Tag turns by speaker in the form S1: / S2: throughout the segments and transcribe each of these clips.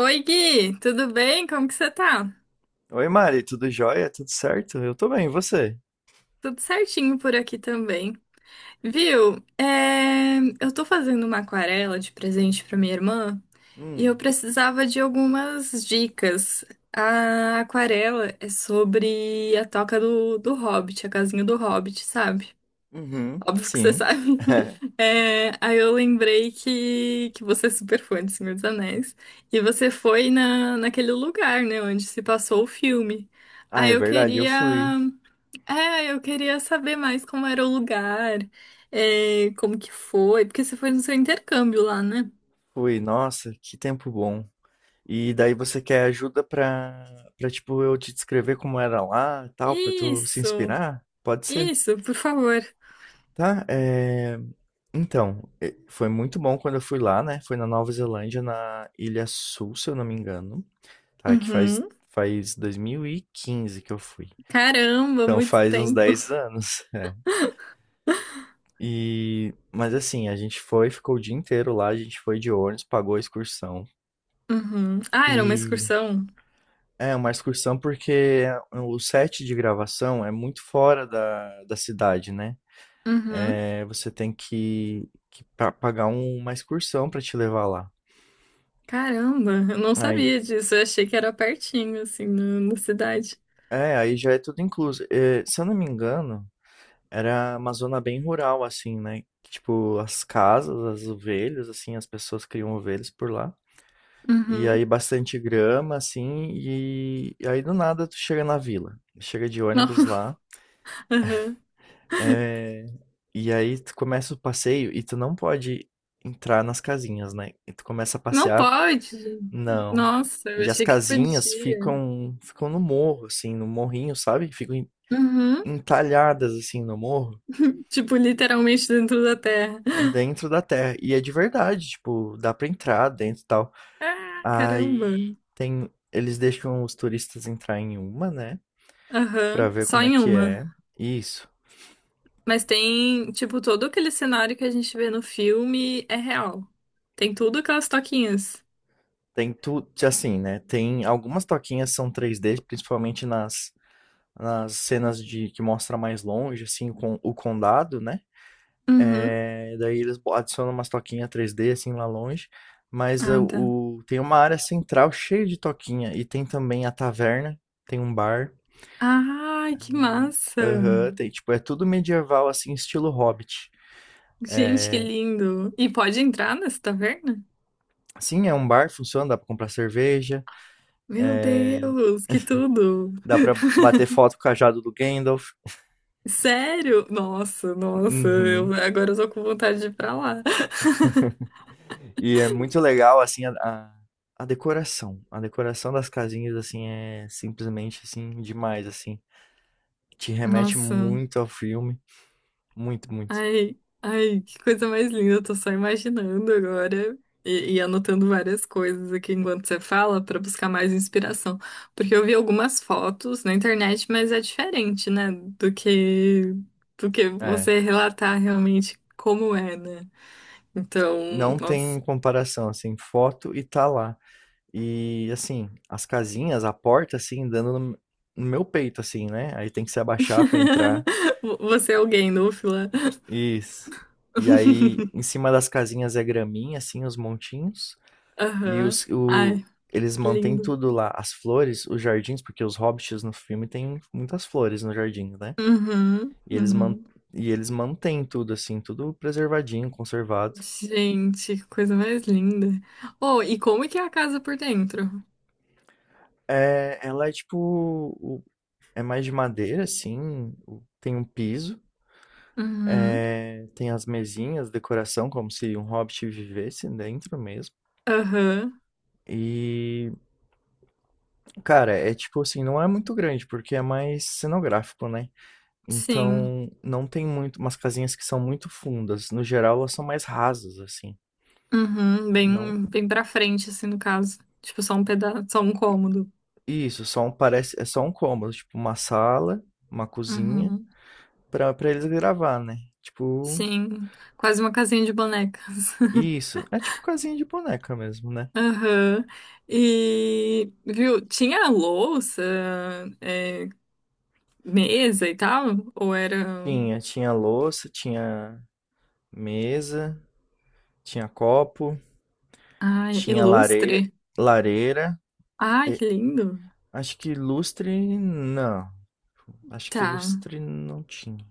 S1: Oi, Gui, tudo bem? Como que você tá?
S2: Oi, Mari, tudo jóia? Tudo certo? Eu tô bem, e você?
S1: Tudo certinho por aqui também. Viu? Eu tô fazendo uma aquarela de presente pra minha irmã e eu
S2: Hum,
S1: precisava de algumas dicas. A aquarela é sobre a toca do Hobbit, a casinha do Hobbit, sabe?
S2: Uhum,
S1: Óbvio que você
S2: sim.
S1: sabe. É, aí eu lembrei que você é super fã de Senhor dos Anéis. E você foi naquele lugar, né, onde se passou o filme.
S2: Ah,
S1: Aí
S2: é
S1: eu
S2: verdade, eu
S1: queria.
S2: fui.
S1: É, eu queria saber mais como era o lugar, é, como que foi, porque você foi no seu intercâmbio lá, né?
S2: Fui, nossa, que tempo bom. E daí você quer ajuda pra, pra tipo, eu te descrever como era lá, e tal, pra tu se
S1: Isso,
S2: inspirar? Pode ser,
S1: isso, por favor.
S2: tá? Então, foi muito bom quando eu fui lá, né? Foi na Nova Zelândia, na Ilha Sul, se eu não me engano, tá? Que faz,
S1: Uhum.
S2: faz 2015 que eu fui.
S1: Caramba,
S2: Então
S1: muito
S2: faz uns
S1: tempo.
S2: 10 anos. E, mas assim, a gente foi, ficou o dia inteiro lá, a gente foi de ônibus, pagou a excursão.
S1: Uhum. Ah, era uma
S2: E
S1: excursão?
S2: é uma excursão porque o set de gravação é muito fora da cidade, né?
S1: Uhum.
S2: É, você tem que pagar uma excursão pra te levar lá.
S1: Caramba, eu não
S2: Aí,
S1: sabia disso. Eu achei que era pertinho, assim, na cidade.
S2: é, aí já é tudo incluso. É, se eu não me engano, era uma zona bem rural, assim, né? Tipo, as casas, as ovelhas, assim, as pessoas criam ovelhas por lá. E aí
S1: Uhum.
S2: bastante grama, assim, e aí do nada tu chega na vila. Chega de
S1: Não,
S2: ônibus lá,
S1: aham.
S2: é, e aí tu começa o passeio e tu não pode entrar nas casinhas, né? E tu começa a
S1: Não
S2: passear,
S1: pode.
S2: não.
S1: Nossa, eu
S2: E as
S1: achei que
S2: casinhas
S1: podia.
S2: ficam no morro, assim, no morrinho, sabe? Ficam
S1: Uhum.
S2: entalhadas assim no morro,
S1: Tipo, literalmente dentro da terra.
S2: dentro da terra. E é de verdade, tipo, dá pra entrar dentro e tal.
S1: Ah,
S2: Aí
S1: caramba.
S2: tem, eles deixam os turistas entrar em uma, né? Pra
S1: Aham.
S2: ver
S1: Só
S2: como é
S1: em
S2: que
S1: uma.
S2: é. Isso.
S1: Mas tem, tipo, todo aquele cenário que a gente vê no filme é real. Tem tudo aquelas toquinhas.
S2: Tem tudo, assim, né? Tem algumas toquinhas são 3D, principalmente nas cenas de que mostra mais longe, assim, com o condado, né?
S1: Uhum.
S2: É, daí eles adicionam umas toquinhas 3D assim lá longe, mas é,
S1: Ah, tá.
S2: o tem uma área central cheia de toquinha e tem também a taverna, tem um bar.
S1: Ai, que massa.
S2: Aham, tem, tipo, é tudo medieval assim, estilo Hobbit.
S1: Gente, que lindo! E pode entrar nessa taverna?
S2: Sim, é um bar, funciona, dá pra comprar cerveja,
S1: Meu Deus, que tudo!
S2: dá pra bater foto com o cajado do Gandalf.
S1: Sério? Nossa, nossa,
S2: Uhum.
S1: eu, agora eu tô com vontade de ir pra lá.
S2: E é muito legal, assim, a decoração. A decoração das casinhas, assim, é simplesmente, assim, demais, assim. Te remete
S1: Nossa,
S2: muito ao filme. Muito, muito.
S1: ai, ai, que coisa mais linda, eu tô só imaginando agora e anotando várias coisas aqui enquanto você fala pra buscar mais inspiração. Porque eu vi algumas fotos na internet, mas é diferente, né, do que
S2: É.
S1: você relatar realmente como é, né? Então,
S2: Não
S1: nossa.
S2: tem comparação, assim, foto e tá lá. E, assim, as casinhas, a porta, assim, dando no meu peito, assim, né? Aí tem que se abaixar pra entrar.
S1: Você é alguém, Núfila.
S2: Isso. E aí, em cima das casinhas é graminha, assim, os montinhos. E
S1: Aham.
S2: os, o,
S1: Ai,
S2: Eles
S1: que
S2: mantêm
S1: lindo.
S2: tudo lá, as flores, os jardins, porque os hobbits no filme têm muitas flores no jardim, né?
S1: Uhum,
S2: E eles, man,
S1: uhum.
S2: e eles mantêm tudo, assim, tudo preservadinho, conservado.
S1: Gente, que coisa mais linda. Oh, e como é que é a casa por dentro?
S2: É, ela é tipo. É mais de madeira, assim. Tem um piso.
S1: Uhum,
S2: É, tem as mesinhas, decoração, como se um hobbit vivesse dentro mesmo.
S1: aham,
S2: E, cara, é tipo assim, não é muito grande, porque é mais cenográfico, né?
S1: sim.
S2: Então, não tem muito umas casinhas que são muito fundas. No geral, elas são mais rasas, assim.
S1: Uhum,
S2: Não.
S1: bem, bem pra frente, assim, no caso. Tipo, só um pedaço, só um cômodo.
S2: Isso, só um parece, é só um cômodo, tipo uma sala, uma cozinha
S1: Uhum,
S2: pra para eles gravar, né? Tipo,
S1: sim. Quase uma casinha de bonecas.
S2: isso. É tipo casinha de boneca mesmo, né?
S1: Aham. E, viu, tinha louça, é, mesa e tal? Ou era.
S2: Tinha louça, tinha mesa, tinha copo,
S1: Ai,
S2: tinha lare,
S1: ilustre?
S2: lareira.
S1: Ai,
S2: e-
S1: que lindo!
S2: Acho que lustre não. Acho que
S1: Tá,
S2: lustre não tinha.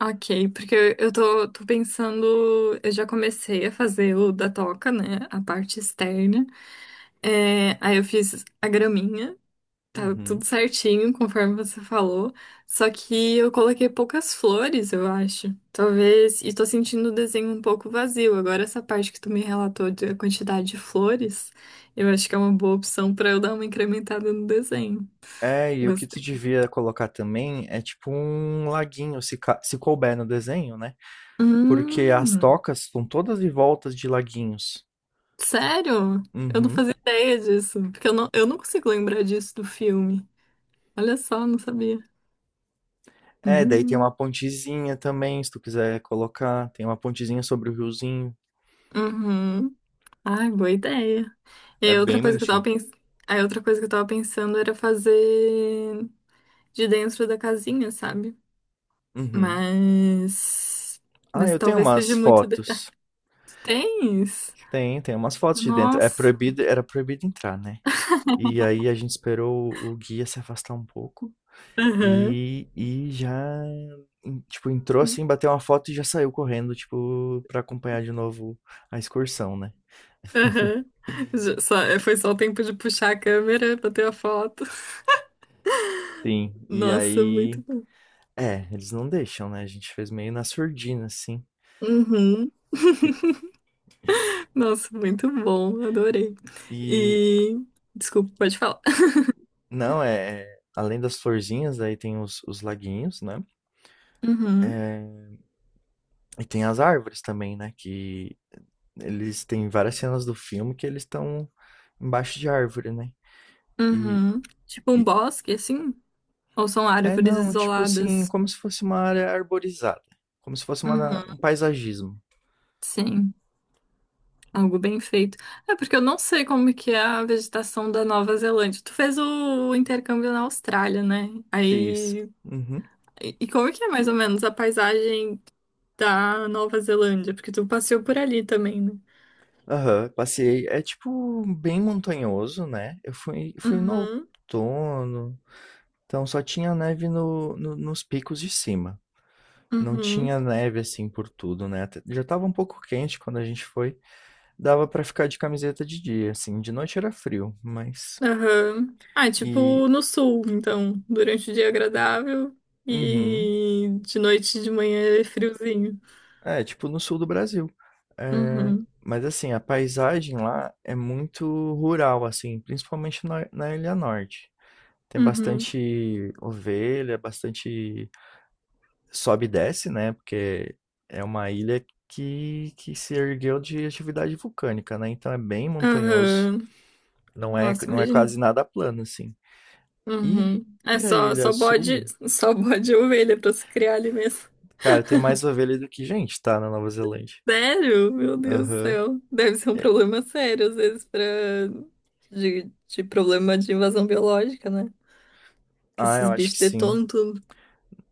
S1: ok, porque eu tô pensando. Eu já comecei a fazer o da toca, né? A parte externa. É, aí eu fiz a graminha. Tá
S2: Uhum.
S1: tudo certinho, conforme você falou. Só que eu coloquei poucas flores, eu acho. Talvez. E tô sentindo o desenho um pouco vazio. Agora, essa parte que tu me relatou da quantidade de flores, eu acho que é uma boa opção pra eu dar uma incrementada no desenho.
S2: É, e o que tu
S1: Gostei.
S2: devia colocar também é tipo um laguinho, se couber no desenho, né? Porque as
S1: Hum,
S2: tocas são todas em voltas de laguinhos.
S1: sério? Eu não
S2: Uhum.
S1: fazia ideia disso. Porque eu não consigo lembrar disso do filme. Olha só, não sabia.
S2: É, daí tem
S1: Hum,
S2: uma pontezinha também, se tu quiser colocar. Tem uma pontezinha sobre o riozinho.
S1: uhum. Ai, boa ideia. E
S2: É
S1: aí, outra
S2: bem
S1: coisa que eu tava
S2: bonitinho.
S1: pens... aí outra coisa que eu tava pensando era fazer de dentro da casinha, sabe?
S2: Uhum.
S1: Mas.
S2: Ah,
S1: Mas
S2: eu tenho
S1: talvez
S2: umas
S1: seja muito detalhe.
S2: fotos.
S1: Tu tens?
S2: Tem umas fotos de dentro.
S1: Nossa.
S2: Era proibido entrar, né? E aí a gente esperou o guia se afastar um pouco.
S1: Aham.
S2: E, e já, tipo, entrou assim, bateu uma foto e já saiu correndo, tipo, pra acompanhar de novo a excursão, né?
S1: Aham. Foi só o tempo de puxar a câmera pra ter a foto.
S2: Sim, e
S1: Nossa,
S2: aí.
S1: muito bom.
S2: É, eles não deixam, né? A gente fez meio na surdina, assim.
S1: Uhum.
S2: porque-
S1: Nossa, muito bom. Adorei.
S2: E.
S1: E. Desculpa, pode falar.
S2: Não, é. Além das florzinhas, aí tem os laguinhos, né?
S1: Uhum.
S2: E tem as árvores também, né? Que eles têm várias cenas do filme que eles estão embaixo de árvore, né? E.
S1: Uhum. Tipo um bosque, assim? Ou são
S2: É,
S1: árvores
S2: não, tipo assim,
S1: isoladas.
S2: como se fosse uma área arborizada, como se fosse
S1: Uhum,
S2: um paisagismo.
S1: sim, algo bem feito. É porque eu não sei como que é a vegetação da Nova Zelândia. Tu fez o intercâmbio na Austrália, né?
S2: Fiz.
S1: Aí,
S2: Uhum.
S1: e como que é mais ou menos a paisagem da Nova Zelândia? Porque tu passeou por ali também, né?
S2: Aham, passei. É tipo bem montanhoso, né? Fui no
S1: Uhum,
S2: outono, então só tinha neve nos picos de cima. Não tinha
S1: uhum,
S2: neve assim por tudo, né? Até- Já tava um pouco quente quando a gente foi. Dava pra ficar de camiseta de dia, assim. De noite era frio, mas.
S1: aham. Ah, é
S2: E.
S1: tipo no sul, então, durante o dia é agradável
S2: Uhum.
S1: e de noite e de manhã é friozinho.
S2: É, tipo no sul do Brasil. É,
S1: Uhum,
S2: mas assim, a paisagem lá é muito rural, assim, principalmente na Ilha Norte. Tem
S1: uhum,
S2: bastante ovelha, bastante sobe e desce, né? Porque é uma ilha que se ergueu de atividade vulcânica, né? Então é bem montanhoso,
S1: aham. Nossa,
S2: não é quase
S1: imagina.
S2: nada plano, assim. E,
S1: Uhum. É
S2: e a Ilha Sul,
S1: só bode e ovelha pra se criar ali mesmo.
S2: cara, tem mais ovelha do que gente, tá? Na Nova Zelândia.
S1: Sério? Meu Deus do
S2: Aham.
S1: céu. Deve ser um problema sério, às vezes, pra... de problema de invasão biológica, né? Que
S2: Ah, eu
S1: esses
S2: acho que
S1: bichos
S2: sim.
S1: detonam tudo.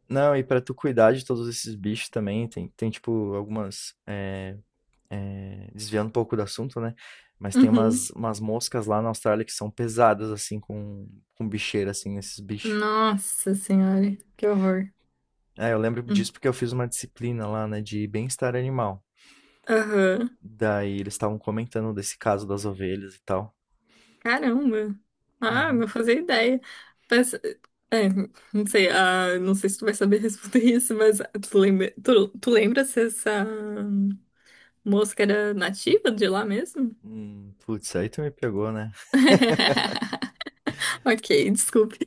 S2: Não, e pra tu cuidar de todos esses bichos também, tem tipo algumas. Desviando um pouco do assunto, né? Mas tem
S1: Uhum.
S2: umas moscas lá na Austrália que são pesadas, assim, com bicheira, assim, esses bichos.
S1: Nossa senhora, que horror.
S2: É, eu lembro
S1: Hum.
S2: disso porque eu fiz uma disciplina lá, né, de bem-estar animal.
S1: Aham.
S2: Daí eles estavam comentando desse caso das ovelhas e tal.
S1: Caramba. Ah,
S2: Uhum.
S1: não fazia ideia. Mas, é, não sei, ah, não sei se tu vai saber responder isso, mas tu lembra, tu lembra se essa. Mosca era nativa de lá mesmo?
S2: Putz, aí tu me pegou, né?
S1: Ok, desculpe.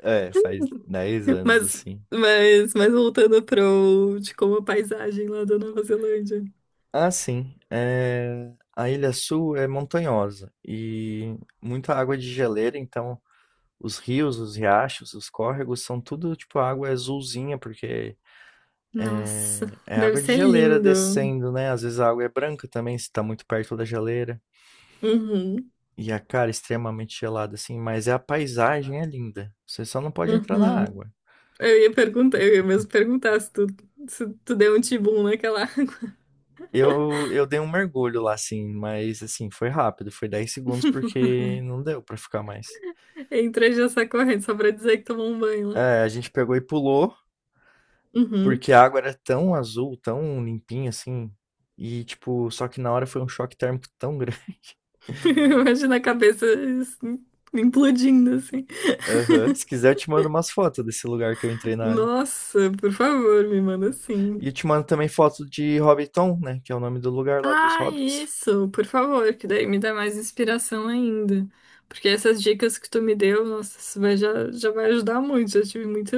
S2: É, faz 10 anos,
S1: Mas,
S2: assim.
S1: mas voltando pro, de como a paisagem lá da Nova Zelândia.
S2: Ah, sim. É, a Ilha Sul é montanhosa e muita água de geleira, então os rios, os riachos, os córregos são tudo tipo água azulzinha, porque
S1: Nossa,
S2: é
S1: deve
S2: água de
S1: ser
S2: geleira
S1: lindo.
S2: descendo, né? Às vezes a água é branca também, se tá muito perto da geleira.
S1: Uhum,
S2: E a cara é extremamente gelada, assim, mas a paisagem é linda. Você só não pode entrar na
S1: uhum.
S2: água.
S1: Eu ia perguntar, eu ia mesmo perguntar se se tu deu um tibum naquela.
S2: Eu dei um mergulho lá, assim, mas assim, foi rápido, foi 10 segundos porque não deu pra ficar mais.
S1: entre já essa corrente, só pra dizer que tomou um banho lá.
S2: É, a gente pegou e pulou.
S1: Uhum.
S2: Porque a água era tão azul, tão limpinha, assim, e tipo, só que na hora foi um choque térmico tão grande.
S1: Imagina a cabeça assim, implodindo assim.
S2: Aham. Se quiser, eu te mando umas fotos desse lugar que eu entrei na água.
S1: Nossa, por favor, me manda assim.
S2: E eu te mando também foto de Hobbiton, né, que é o nome do lugar lá dos
S1: Ah,
S2: hobbits.
S1: isso, por favor, que daí me dá mais inspiração ainda. Porque essas dicas que tu me deu, nossa, isso vai, já, já vai ajudar muito. Já tive muito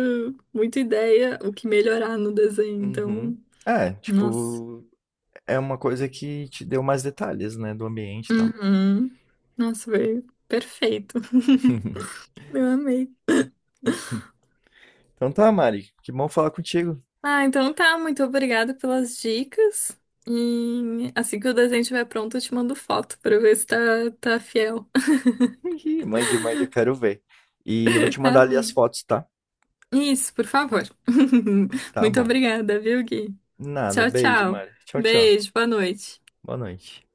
S1: muita ideia o que melhorar no desenho,
S2: Uhum.
S1: então,
S2: É,
S1: nossa.
S2: tipo, é uma coisa que te deu mais detalhes, né, do ambiente e tal.
S1: Uhum. Nossa, veio perfeito. Eu amei.
S2: Então tá, Mari, que bom falar contigo.
S1: Ah, então tá, muito obrigada pelas dicas. E assim que o desenho estiver pronto, eu te mando foto pra ver se tá fiel.
S2: Ih, mande, mande, eu quero ver. E eu vou te mandar
S1: Tá
S2: ali as
S1: bom.
S2: fotos, tá?
S1: Isso, por favor.
S2: Tá
S1: Muito
S2: bom.
S1: obrigada, viu, Gui?
S2: Nada,
S1: Tchau,
S2: beijo,
S1: tchau.
S2: Mari. Tchau, tchau.
S1: Beijo, boa noite.
S2: Boa noite.